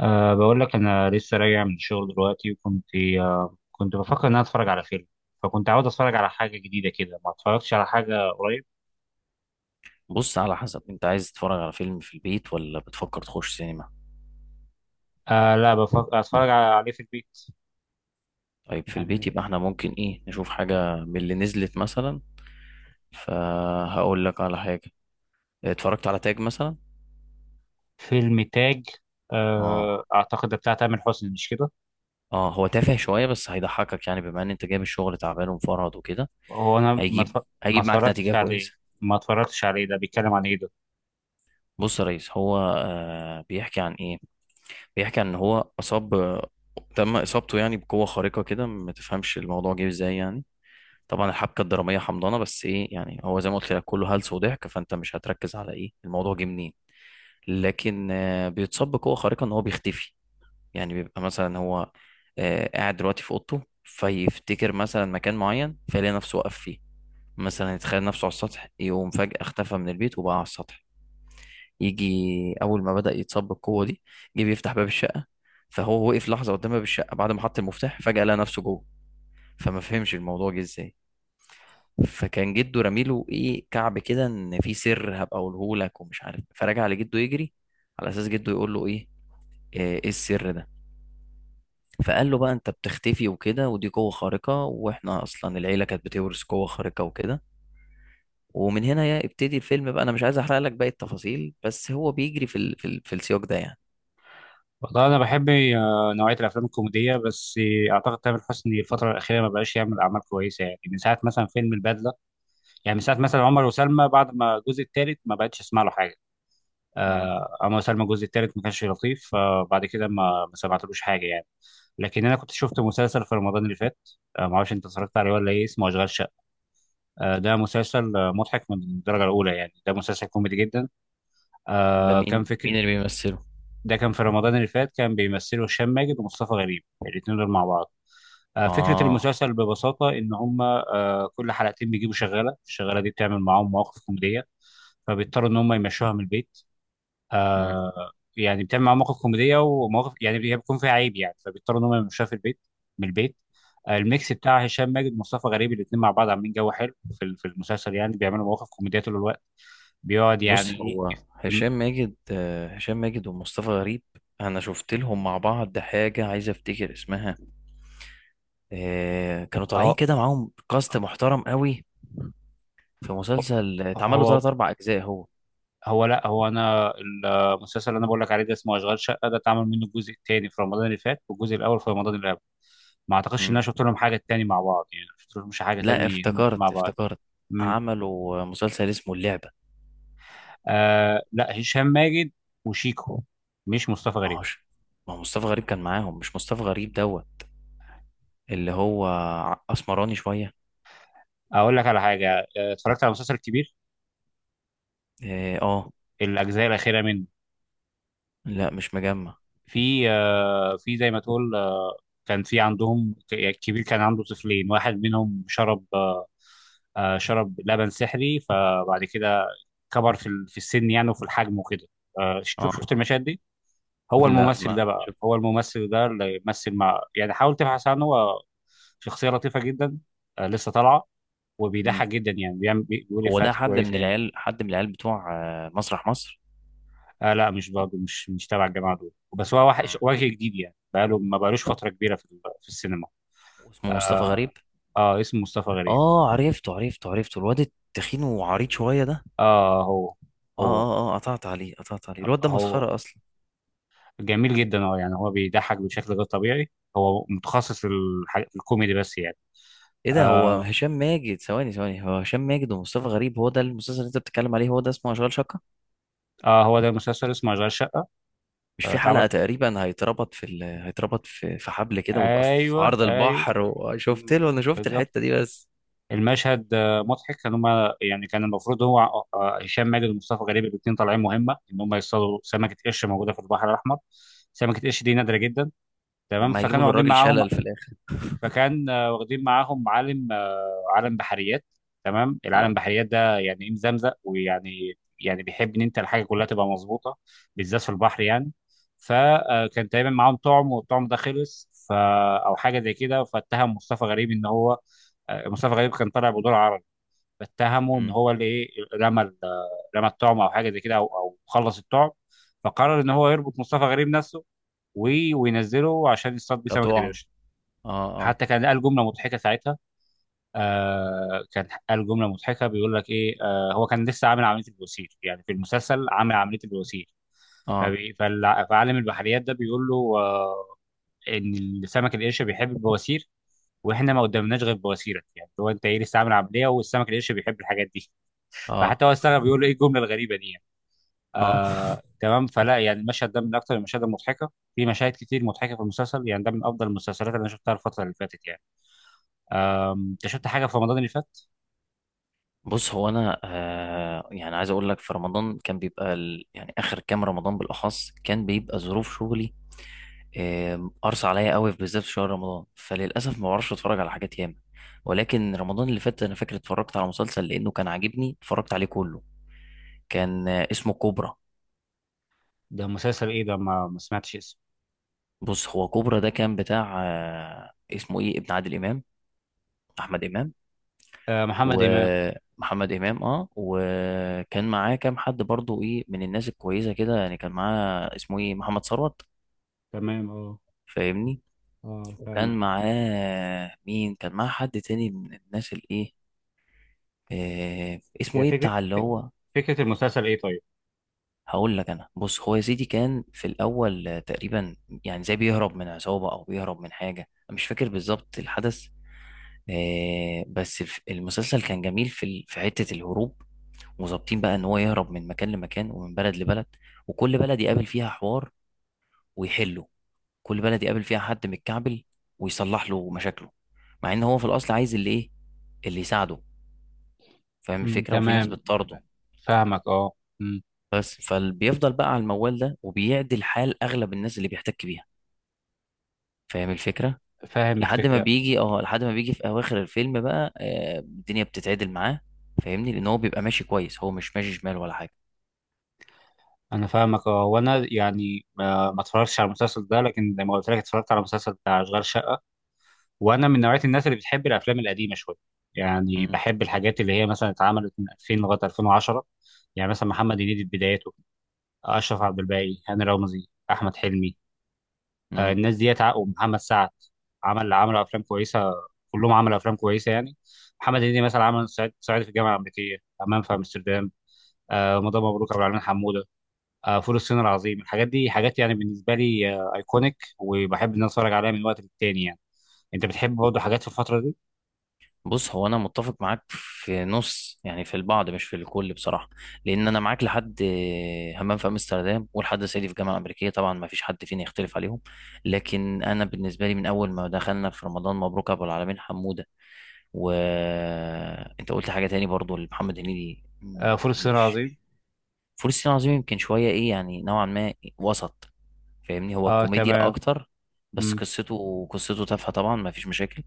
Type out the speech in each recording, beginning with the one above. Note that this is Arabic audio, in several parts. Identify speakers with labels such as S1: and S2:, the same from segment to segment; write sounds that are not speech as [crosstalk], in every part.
S1: بقول لك أنا لسه راجع من الشغل دلوقتي. وكنت أه كنت بفكر إن أنا أتفرج على فيلم، فكنت عاوز أتفرج على حاجة جديدة كده، ما أتفرجتش على حاجة قريب.
S2: بص، على حسب انت عايز تتفرج على فيلم في البيت ولا بتفكر تخش سينما.
S1: لا، بفكر أتفرج عليه في البيت.
S2: طيب في البيت
S1: يعني
S2: يبقى احنا ممكن نشوف حاجة من اللي نزلت مثلا. فهقول لك على حاجة، اتفرجت على تاج مثلا.
S1: فيلم تاج؟
S2: اه
S1: أعتقد ده بتاع تامر حسني مش كده؟
S2: اه، هو تافه شوية بس هيضحكك، يعني بما ان انت جاي من الشغل تعبان ومفرهد وكده.
S1: هو أنا ما
S2: هيجيب
S1: أتف- ما
S2: هيجيب معاك نتيجة
S1: اتفرجتش عليه.
S2: كويسة.
S1: ما اتفرجتش عليه، ده بيتكلم عن إيه ده؟
S2: بص يا ريس، هو بيحكي عن ايه؟ بيحكي عن ان هو اصاب، تم اصابته يعني بقوة خارقة كده، ما تفهمش الموضوع جه ازاي يعني. طبعا الحبكه الدراميه حمضانه، بس ايه يعني، هو زي ما قلت لك كله هلس وضحك، فانت مش هتركز على ايه الموضوع جه منين. لكن بيتصاب بقوه خارقه ان هو بيختفي. يعني بيبقى مثلا هو قاعد دلوقتي في اوضته، فيفتكر مثلا مكان معين فيلاقي نفسه واقف فيه. مثلا يتخيل نفسه على السطح، يقوم فجأة اختفى من البيت وبقى على السطح. يجي أول ما بدأ يتصاب بالقوة دي، جه بيفتح باب الشقة، فهو وقف لحظة قدام باب الشقة، بعد ما حط المفتاح فجأة لقى نفسه جوه، فما فهمش الموضوع جه ازاي. فكان جده رميله ايه كعب كده، ان في سر هبقى اقوله لك ومش عارف، فرجع لجده يجري على اساس جده يقول له ايه، إيه السر ده. فقال له بقى انت بتختفي وكده، ودي قوة خارقة، واحنا اصلا العيلة كانت بتورث قوة خارقة وكده. ومن هنا يبتدي الفيلم بقى. انا مش عايز احرق لك باقي التفاصيل، بس هو بيجري في السياق ده يعني.
S1: والله أنا بحب نوعية الأفلام الكوميدية، بس أعتقد تامر حسني الفترة الأخيرة ما بقاش يعمل أعمال كويسة، يعني من ساعة مثلا فيلم البدلة. يعني من ساعه مثلا عمر وسلمى، بعد ما الجزء الثالث ما بقتش اسمع له حاجه.
S2: مم.
S1: عمر وسلمى الجزء الثالث ما كانش لطيف، فبعد كده ما سمعتلوش حاجه يعني. لكن انا كنت شفت مسلسل في رمضان اللي فات. ما اعرفش انت اتفرجت عليه ولا ايه، اسمه اشغال شقه. ده مسلسل مضحك من الدرجه الاولى، يعني ده مسلسل كوميدي جدا.
S2: ده
S1: كان
S2: مين،
S1: فكر.
S2: مين اللي بيمثله؟
S1: ده كان في رمضان اللي فات، كان بيمثله هشام ماجد ومصطفى غريب، الاثنين دول مع بعض. فكره
S2: اه.
S1: المسلسل ببساطه ان هم كل حلقتين بيجيبوا شغاله، الشغاله دي بتعمل معاهم مواقف كوميديه، فبيضطروا ان هم يمشوها من البيت.
S2: مم.
S1: يعني بتعمل معاهم مواقف كوميديه ومواقف، يعني هي بيكون فيها عيب يعني، فبيضطروا ان هم يمشوها في البيت، من البيت. الميكس بتاع هشام ماجد ومصطفى غريب الاثنين مع بعض عاملين جو حلو في المسلسل، يعني بيعملوا مواقف كوميديه طول الوقت. بيقعد يعني
S2: بص،
S1: ايه.
S2: هو
S1: إم-
S2: هشام ماجد، هشام ماجد ومصطفى غريب، انا شفت لهم مع بعض حاجه عايز افتكر اسمها. كانوا طالعين
S1: هو
S2: كده معاهم كاست محترم قوي في مسلسل، اتعملوا
S1: هو
S2: ثلاث اربع اجزاء هو.
S1: هو لا، هو انا المسلسل اللي انا بقول لك عليه ده اسمه اشغال شقه، ده اتعمل منه الجزء الثاني في رمضان اللي فات، والجزء الاول في رمضان اللي قبل. ما اعتقدش ان انا
S2: مم.
S1: شفت لهم حاجه تاني مع بعض، يعني ما شفت لهمش حاجه
S2: لا،
S1: تاني هم الاثنين مع
S2: افتكرت
S1: بعض.
S2: افتكرت عملوا مسلسل اسمه اللعبه.
S1: آه لا، هشام ماجد وشيكو، مش مصطفى
S2: ما
S1: غريب.
S2: هوش، ما هو مصطفى غريب كان معاهم، مش مصطفى غريب دوت، اللي هو اسمراني شويه.
S1: اقول لك على حاجه، اتفرجت على مسلسل كبير،
S2: اه.
S1: الاجزاء الاخيره منه.
S2: لا مش مجمع.
S1: في في زي ما تقول كان في عندهم يعني الكبير كان عنده طفلين، واحد منهم شرب شرب لبن سحري، فبعد كده كبر في السن يعني وفي الحجم وكده. شوف،
S2: اه.
S1: شفت المشاهد دي.
S2: [laughs]
S1: هو
S2: لا
S1: الممثل
S2: ما
S1: ده، بقى
S2: شفت.
S1: هو الممثل ده اللي يمثل مع يعني، حاول تبحث عنه، هو شخصيه لطيفه جدا. لسه طالعه. وبيضحك جدا يعني، بيعمل بيقول
S2: هو ده
S1: افيهات
S2: حد من
S1: كويسه يعني.
S2: العيال، حد من العيال بتوع مسرح مصر؟
S1: آه لا مش برضه، مش تبع الجماعه دول، بس هو
S2: مم.
S1: وجه جديد يعني، بقاله ما بقالوش فتره كبيره في السينما.
S2: اسمه مصطفى
S1: اه،
S2: غريب.
S1: اسمه مصطفى غريب.
S2: اه، عرفته الواد التخين وعريض شويه ده.
S1: اه،
S2: اه
S1: هو
S2: اه اه، قطعت عليه الواد ده
S1: هو
S2: مسخره اصلا.
S1: جميل جدا. اه يعني هو بيضحك بشكل غير طبيعي، هو متخصص في الكوميدي بس يعني.
S2: ايه ده، هو
S1: اه،
S2: هشام ماجد، ثواني ثواني، هو هشام ماجد ومصطفى غريب هو ده المسلسل اللي انت بتتكلم عليه؟ هو ده اسمه اشغال شقه؟
S1: هو ده مسلسل اسمه اشغال شقه.
S2: مش
S1: آه
S2: في حلقه
S1: طبعا.
S2: تقريبا هيتربط في هيتربط في حبل كده ويبقى في
S1: ايوه
S2: عرض
S1: ايوه،
S2: البحر، وشفت
S1: مم،
S2: له انا شفت
S1: بالظبط.
S2: الحته دي بس.
S1: المشهد مضحك، كان هما يعني كان المفروض هو هشام ماجد ومصطفى غريب الاثنين طالعين مهمه ان هم يصطادوا سمكه قرش موجوده في البحر الاحمر. سمكه قرش دي نادره جدا. تمام.
S2: لما هيجيبوا
S1: فكانوا
S2: له
S1: واخدين
S2: الراجل
S1: معاهم،
S2: شلل في الاخر.
S1: فكان واخدين معاهم عالم عالم بحريات. تمام. العالم
S2: اه.
S1: بحريات ده يعني ايه، مزمزق ويعني، يعني بيحب ان انت الحاجه كلها تبقى مظبوطه، بالذات في البحر يعني. فكان تقريبا معاهم طعم، والطعم ده خلص، ف او حاجه زي كده، فاتهم مصطفى غريب ان هو مصطفى غريب كان طالع بدور عربي، اتهمه ان
S2: مم.
S1: هو اللي ايه رمى ال- رمى الطعم او حاجه زي كده، او خلص الطعم، فقرر ان هو يربط مصطفى غريب نفسه وينزله عشان يصطاد بيه سمكه
S2: كطعم.
S1: القرش.
S2: اه اه
S1: حتى كان قال جمله مضحكه ساعتها، كان قال جمله مضحكه، بيقول لك ايه، هو كان لسه عامل عمليه البواسير، يعني في المسلسل عامل عمليه البواسير،
S2: اه
S1: فعالم البحريات ده بيقول له ان السمك القرش بيحب البواسير، واحنا ما قدمناش غير بواسيرك، يعني هو انت ايه لسه عامل عمليه والسمك القرش بيحب الحاجات دي.
S2: اه
S1: فحتى هو استغرب، بيقول له ايه الجمله الغريبه دي يعني.
S2: اه.
S1: تمام. فلا يعني المشهد ده من اكثر المشاهد المضحكه، في مشاهد كتير مضحكه في المسلسل، يعني ده من افضل المسلسلات اللي انا شفتها الفتره اللي فاتت يعني. انت شفت حاجه في رمضان اللي فات؟
S2: بص هو انا يعني عايز اقول لك، في رمضان كان بيبقى يعني اخر كام رمضان بالاخص كان بيبقى ظروف شغلي قرص عليا قوي، بالذات في شهر رمضان، فللاسف ما بعرفش اتفرج على حاجات ياما. ولكن رمضان اللي فات انا فاكر اتفرجت على مسلسل لانه كان عاجبني، اتفرجت عليه كله. كان اسمه كوبرا.
S1: ده مسلسل ايه ده، ما سمعتش اسمه.
S2: بص هو كوبرا ده كان بتاع اسمه ايه، ابن عادل امام، احمد امام،
S1: آه محمد امام.
S2: ومحمد امام. اه، وكان معاه كام حد برضو ايه، من الناس الكويسه كده، يعني كان معاه اسمه ايه، محمد ثروت،
S1: تمام اه.
S2: فاهمني.
S1: اه فاهمك.
S2: وكان معاه مين، كان معاه حد تاني من الناس الايه، اسمه
S1: يا
S2: ايه،
S1: فكره،
S2: بتاع اللي هو.
S1: فكره المسلسل ايه طيب.
S2: هقول لك انا. بص، هو يا سيدي كان في الاول تقريبا يعني زي بيهرب من عصابه او بيهرب من حاجه، أنا مش فاكر بالظبط الحدث. بس المسلسل كان جميل في حته الهروب، وظابطين بقى ان هو يهرب من مكان لمكان ومن بلد لبلد، وكل بلد يقابل فيها حوار ويحله، كل بلد يقابل فيها حد متكعبل ويصلح له مشاكله، مع ان هو في الاصل عايز اللي ايه، اللي يساعده، فاهم
S1: مم،
S2: الفكره، وفي ناس
S1: تمام.
S2: بتطارده.
S1: فاهمك اه. مم،
S2: بس فبيفضل بقى على الموال ده، وبيعدل حال اغلب الناس اللي بيحتك بيها، فاهم الفكره.
S1: فاهم
S2: لحد ما
S1: الفكره.
S2: بيجي اه، لحد ما بيجي في اواخر الفيلم بقى الدنيا بتتعدل معاه، فاهمني، لان هو بيبقى ماشي كويس، هو مش ماشي شمال ولا حاجه.
S1: انا فاهمك اه. وانا يعني ما اتفرجتش على المسلسل ده، لكن زي ما قلت لك اتفرجت على المسلسل بتاع اشغال شقه. وانا من نوعيه الناس اللي بتحب الافلام القديمه شويه، يعني بحب الحاجات اللي هي مثلا اتعملت من 2000 لغايه 2010. يعني مثلا محمد هنيدي في بدايته، اشرف عبد الباقي، هاني رمزي، احمد حلمي،
S2: امم.
S1: الناس ديت ومحمد سعد، عملوا افلام كويسه، كلهم عملوا افلام كويسه يعني. محمد هنيدي مثلا عمل صعيدي في الجامعه الامريكيه، همام في امستردام، رمضان مبروك عبد العالمين حموده، فول الصين العظيم. الحاجات دي حاجات يعني بالنسبه لي ايكونيك، وبحب ان أنا اتفرج عليها من وقت للتاني يعني. انت بتحب برضه حاجات في الفتره دي؟
S2: بص هو انا متفق معاك في نص يعني، في البعض مش في الكل بصراحه. لان انا معاك لحد همام في امستردام ولحد صعيدي في الجامعه الامريكيه، طبعا ما فيش حد فينا يختلف عليهم. لكن انا بالنسبه لي من اول ما دخلنا في رمضان مبروك ابو العالمين حموده، وانت قلت حاجه تاني برضو لمحمد هنيدي،
S1: فول الصين
S2: مش
S1: العظيم.
S2: فول الصين العظيم، يمكن شويه ايه يعني نوعا ما وسط، فاهمني، هو
S1: اه
S2: كوميديا
S1: تمام.
S2: اكتر. بس
S1: مم.
S2: قصته تافهه طبعا، ما فيش مشاكل،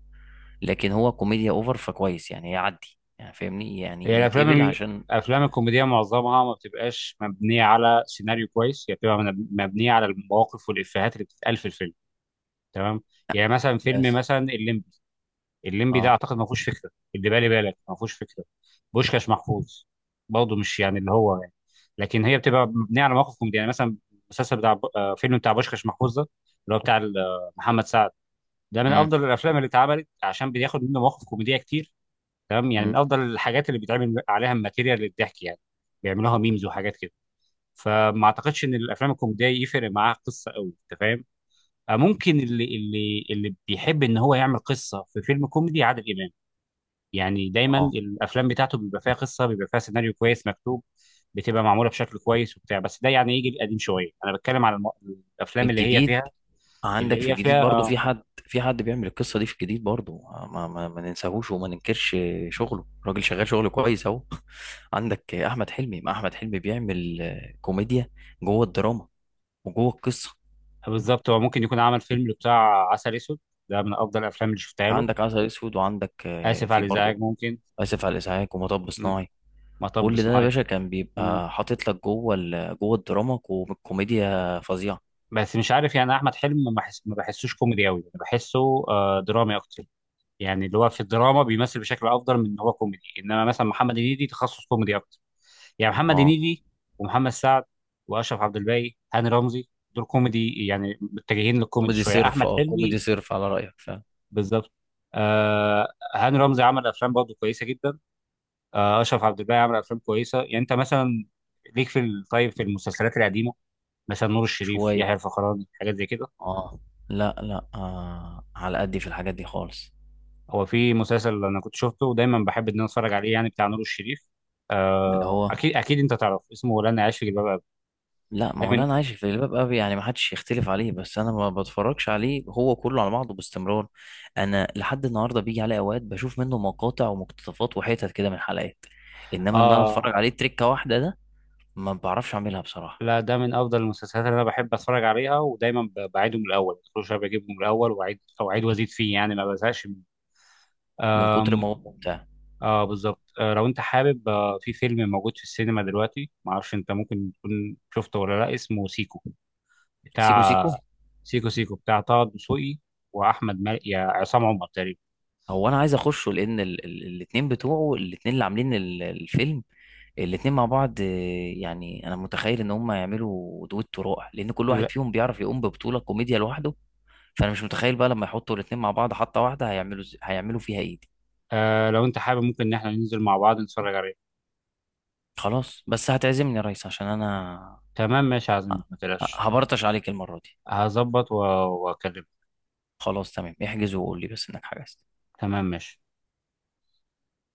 S2: لكن هو كوميديا اوفر، فكويس يعني يعدي يعني فاهمني
S1: هي
S2: يعني يتقبل عشان.
S1: الافلام الكوميديه معظمها ما بتبقاش مبنيه على سيناريو كويس، هي بتبقى مبنيه على المواقف والافيهات اللي بتتقال في الفيلم. تمام. يعني مثلا فيلم
S2: بس.
S1: مثلا الليمبي، الليمبي ده
S2: اه.
S1: اعتقد ما فيهوش فكره، اللي بالي بالك ما فيهوش فكره. بوشكاش محفوظ برضه مش يعني اللي هو يعني، لكن هي بتبقى مبنيه على مواقف كوميديه يعني. مثلا المسلسل فيلم بتاع بوشكاش محفوظ ده اللي هو محمد سعد، ده من
S2: امم.
S1: افضل الافلام اللي اتعملت عشان بياخد منه مواقف كوميديه كتير. تمام. يعني من
S2: امم.
S1: افضل الحاجات اللي بيتعمل عليها الماتيريال للضحك يعني، بيعملوها ميمز وحاجات كده. فما اعتقدش ان الافلام الكوميديه يفرق معاها قصه قوي، انت فاهم. ممكن اللي بيحب ان هو يعمل قصه في فيلم كوميدي عادل امام، يعني دايما
S2: اه.
S1: الافلام بتاعته بيبقى فيها قصه، بيبقى فيها سيناريو كويس مكتوب، بتبقى معموله بشكل كويس وبتاع. بس ده يعني يجي قديم شويه. انا بتكلم على الافلام اللي هي
S2: الجديد،
S1: فيها
S2: عندك في
S1: اللي هي
S2: الجديد
S1: فيها
S2: برضو في
S1: اه.
S2: حد، في حد بيعمل القصة دي في الجديد برضو، ما ننساهوش وما ننكرش، شغله الراجل شغال شغل كويس اهو. [laughs] عندك احمد حلمي، ما احمد حلمي بيعمل كوميديا جوه الدراما وجوه القصة.
S1: بالظبط. هو ممكن يكون عمل فيلم بتاع عسل اسود، ده من افضل الافلام اللي شفتها له.
S2: عندك عسل اسود، وعندك
S1: اسف على
S2: في
S1: الازعاج
S2: برضو
S1: ممكن.
S2: اسف على الازعاج، ومطب
S1: مم.
S2: صناعي.
S1: مطب
S2: كل ده يا
S1: صناعي.
S2: باشا كان
S1: مم.
S2: بيبقى حاطط لك جوه الدراما كوميديا فظيعه.
S1: بس مش عارف يعني احمد حلمي، ما بحسوش كوميدي قوي، بحسه درامي اكتر. يعني اللي هو في الدراما بيمثل بشكل افضل من ان هو كوميدي. انما مثلا محمد هنيدي تخصص كوميدي اكتر. يعني محمد
S2: اه
S1: هنيدي ومحمد سعد واشرف عبد الباقي هاني رمزي، دول كوميدي يعني، متجهين للكوميدي
S2: كوميدي
S1: شويه.
S2: صرف،
S1: احمد
S2: اه كوميدي
S1: حلمي
S2: صرف على رايك، فاهم.
S1: بالظبط. آه هاني رمزي عمل افلام برضه كويسه جدا. اشرف عبد الباقي عمل افلام كويسه يعني. انت مثلا ليك طيب في المسلسلات القديمه، مثلا نور الشريف، يحيى
S2: شويه.
S1: الفخراني، حاجات زي كده.
S2: اه. لا لا على قدي في الحاجات دي خالص.
S1: هو في مسلسل انا كنت شفته ودايما بحب ان انا اتفرج عليه يعني، بتاع نور الشريف،
S2: اللي هو،
S1: اكيد انت تعرف اسمه، لن اعيش في جلباب ابي.
S2: لا ما
S1: ده
S2: هو، لا
S1: من
S2: انا عايش في الباب قوي يعني، ما حدش يختلف عليه، بس انا ما بتفرجش عليه هو كله على بعضه باستمرار. انا لحد النهارده بيجي عليه اوقات بشوف منه مقاطع ومقتطفات وحتت كده من حلقات، انما ان انا
S1: اه
S2: اتفرج عليه تريكه واحده ده ما بعرفش اعملها بصراحه.
S1: لا، ده من افضل المسلسلات اللي انا بحب اتفرج عليها، ودايما بعيده من الاول كل شويه بجيبه من الاول واعيد او اعيد وازيد فيه يعني، ما بزهقش منه.
S2: من كتر
S1: آم،
S2: ما هو ممتع.
S1: اه بالظبط. لو انت حابب في فيلم موجود في السينما دلوقتي، ما اعرفش انت ممكن تكون شفته ولا لا، اسمه سيكو.
S2: سيكو
S1: بتاع
S2: سيكو.
S1: سيكو سيكو بتاع طه دسوقي واحمد مالك، يا عصام عمر تقريبا.
S2: هو انا عايز اخشه، لان الاتنين بتوعه، الاتنين اللي عاملين الفيلم، الاتنين مع بعض يعني انا متخيل ان هم يعملوا دويتو رائع، لان كل واحد
S1: لا.
S2: فيهم بيعرف يقوم ببطولة كوميديا لوحده، فانا مش متخيل بقى لما يحطوا الاتنين مع بعض حطة واحدة هيعملوا هيعملوا فيها ايه دي.
S1: لو انت حابب ممكن ان احنا ننزل مع بعض نتفرج عليه.
S2: خلاص بس هتعزمني يا ريس عشان انا.
S1: تمام ماشي يا
S2: أ-
S1: عزمي ما تقلقش.
S2: هبرطش عليك المرة دي.
S1: هظبط واكلمك.
S2: خلاص تمام، احجز وقول لي بس انك حجزت.
S1: تمام ماشي.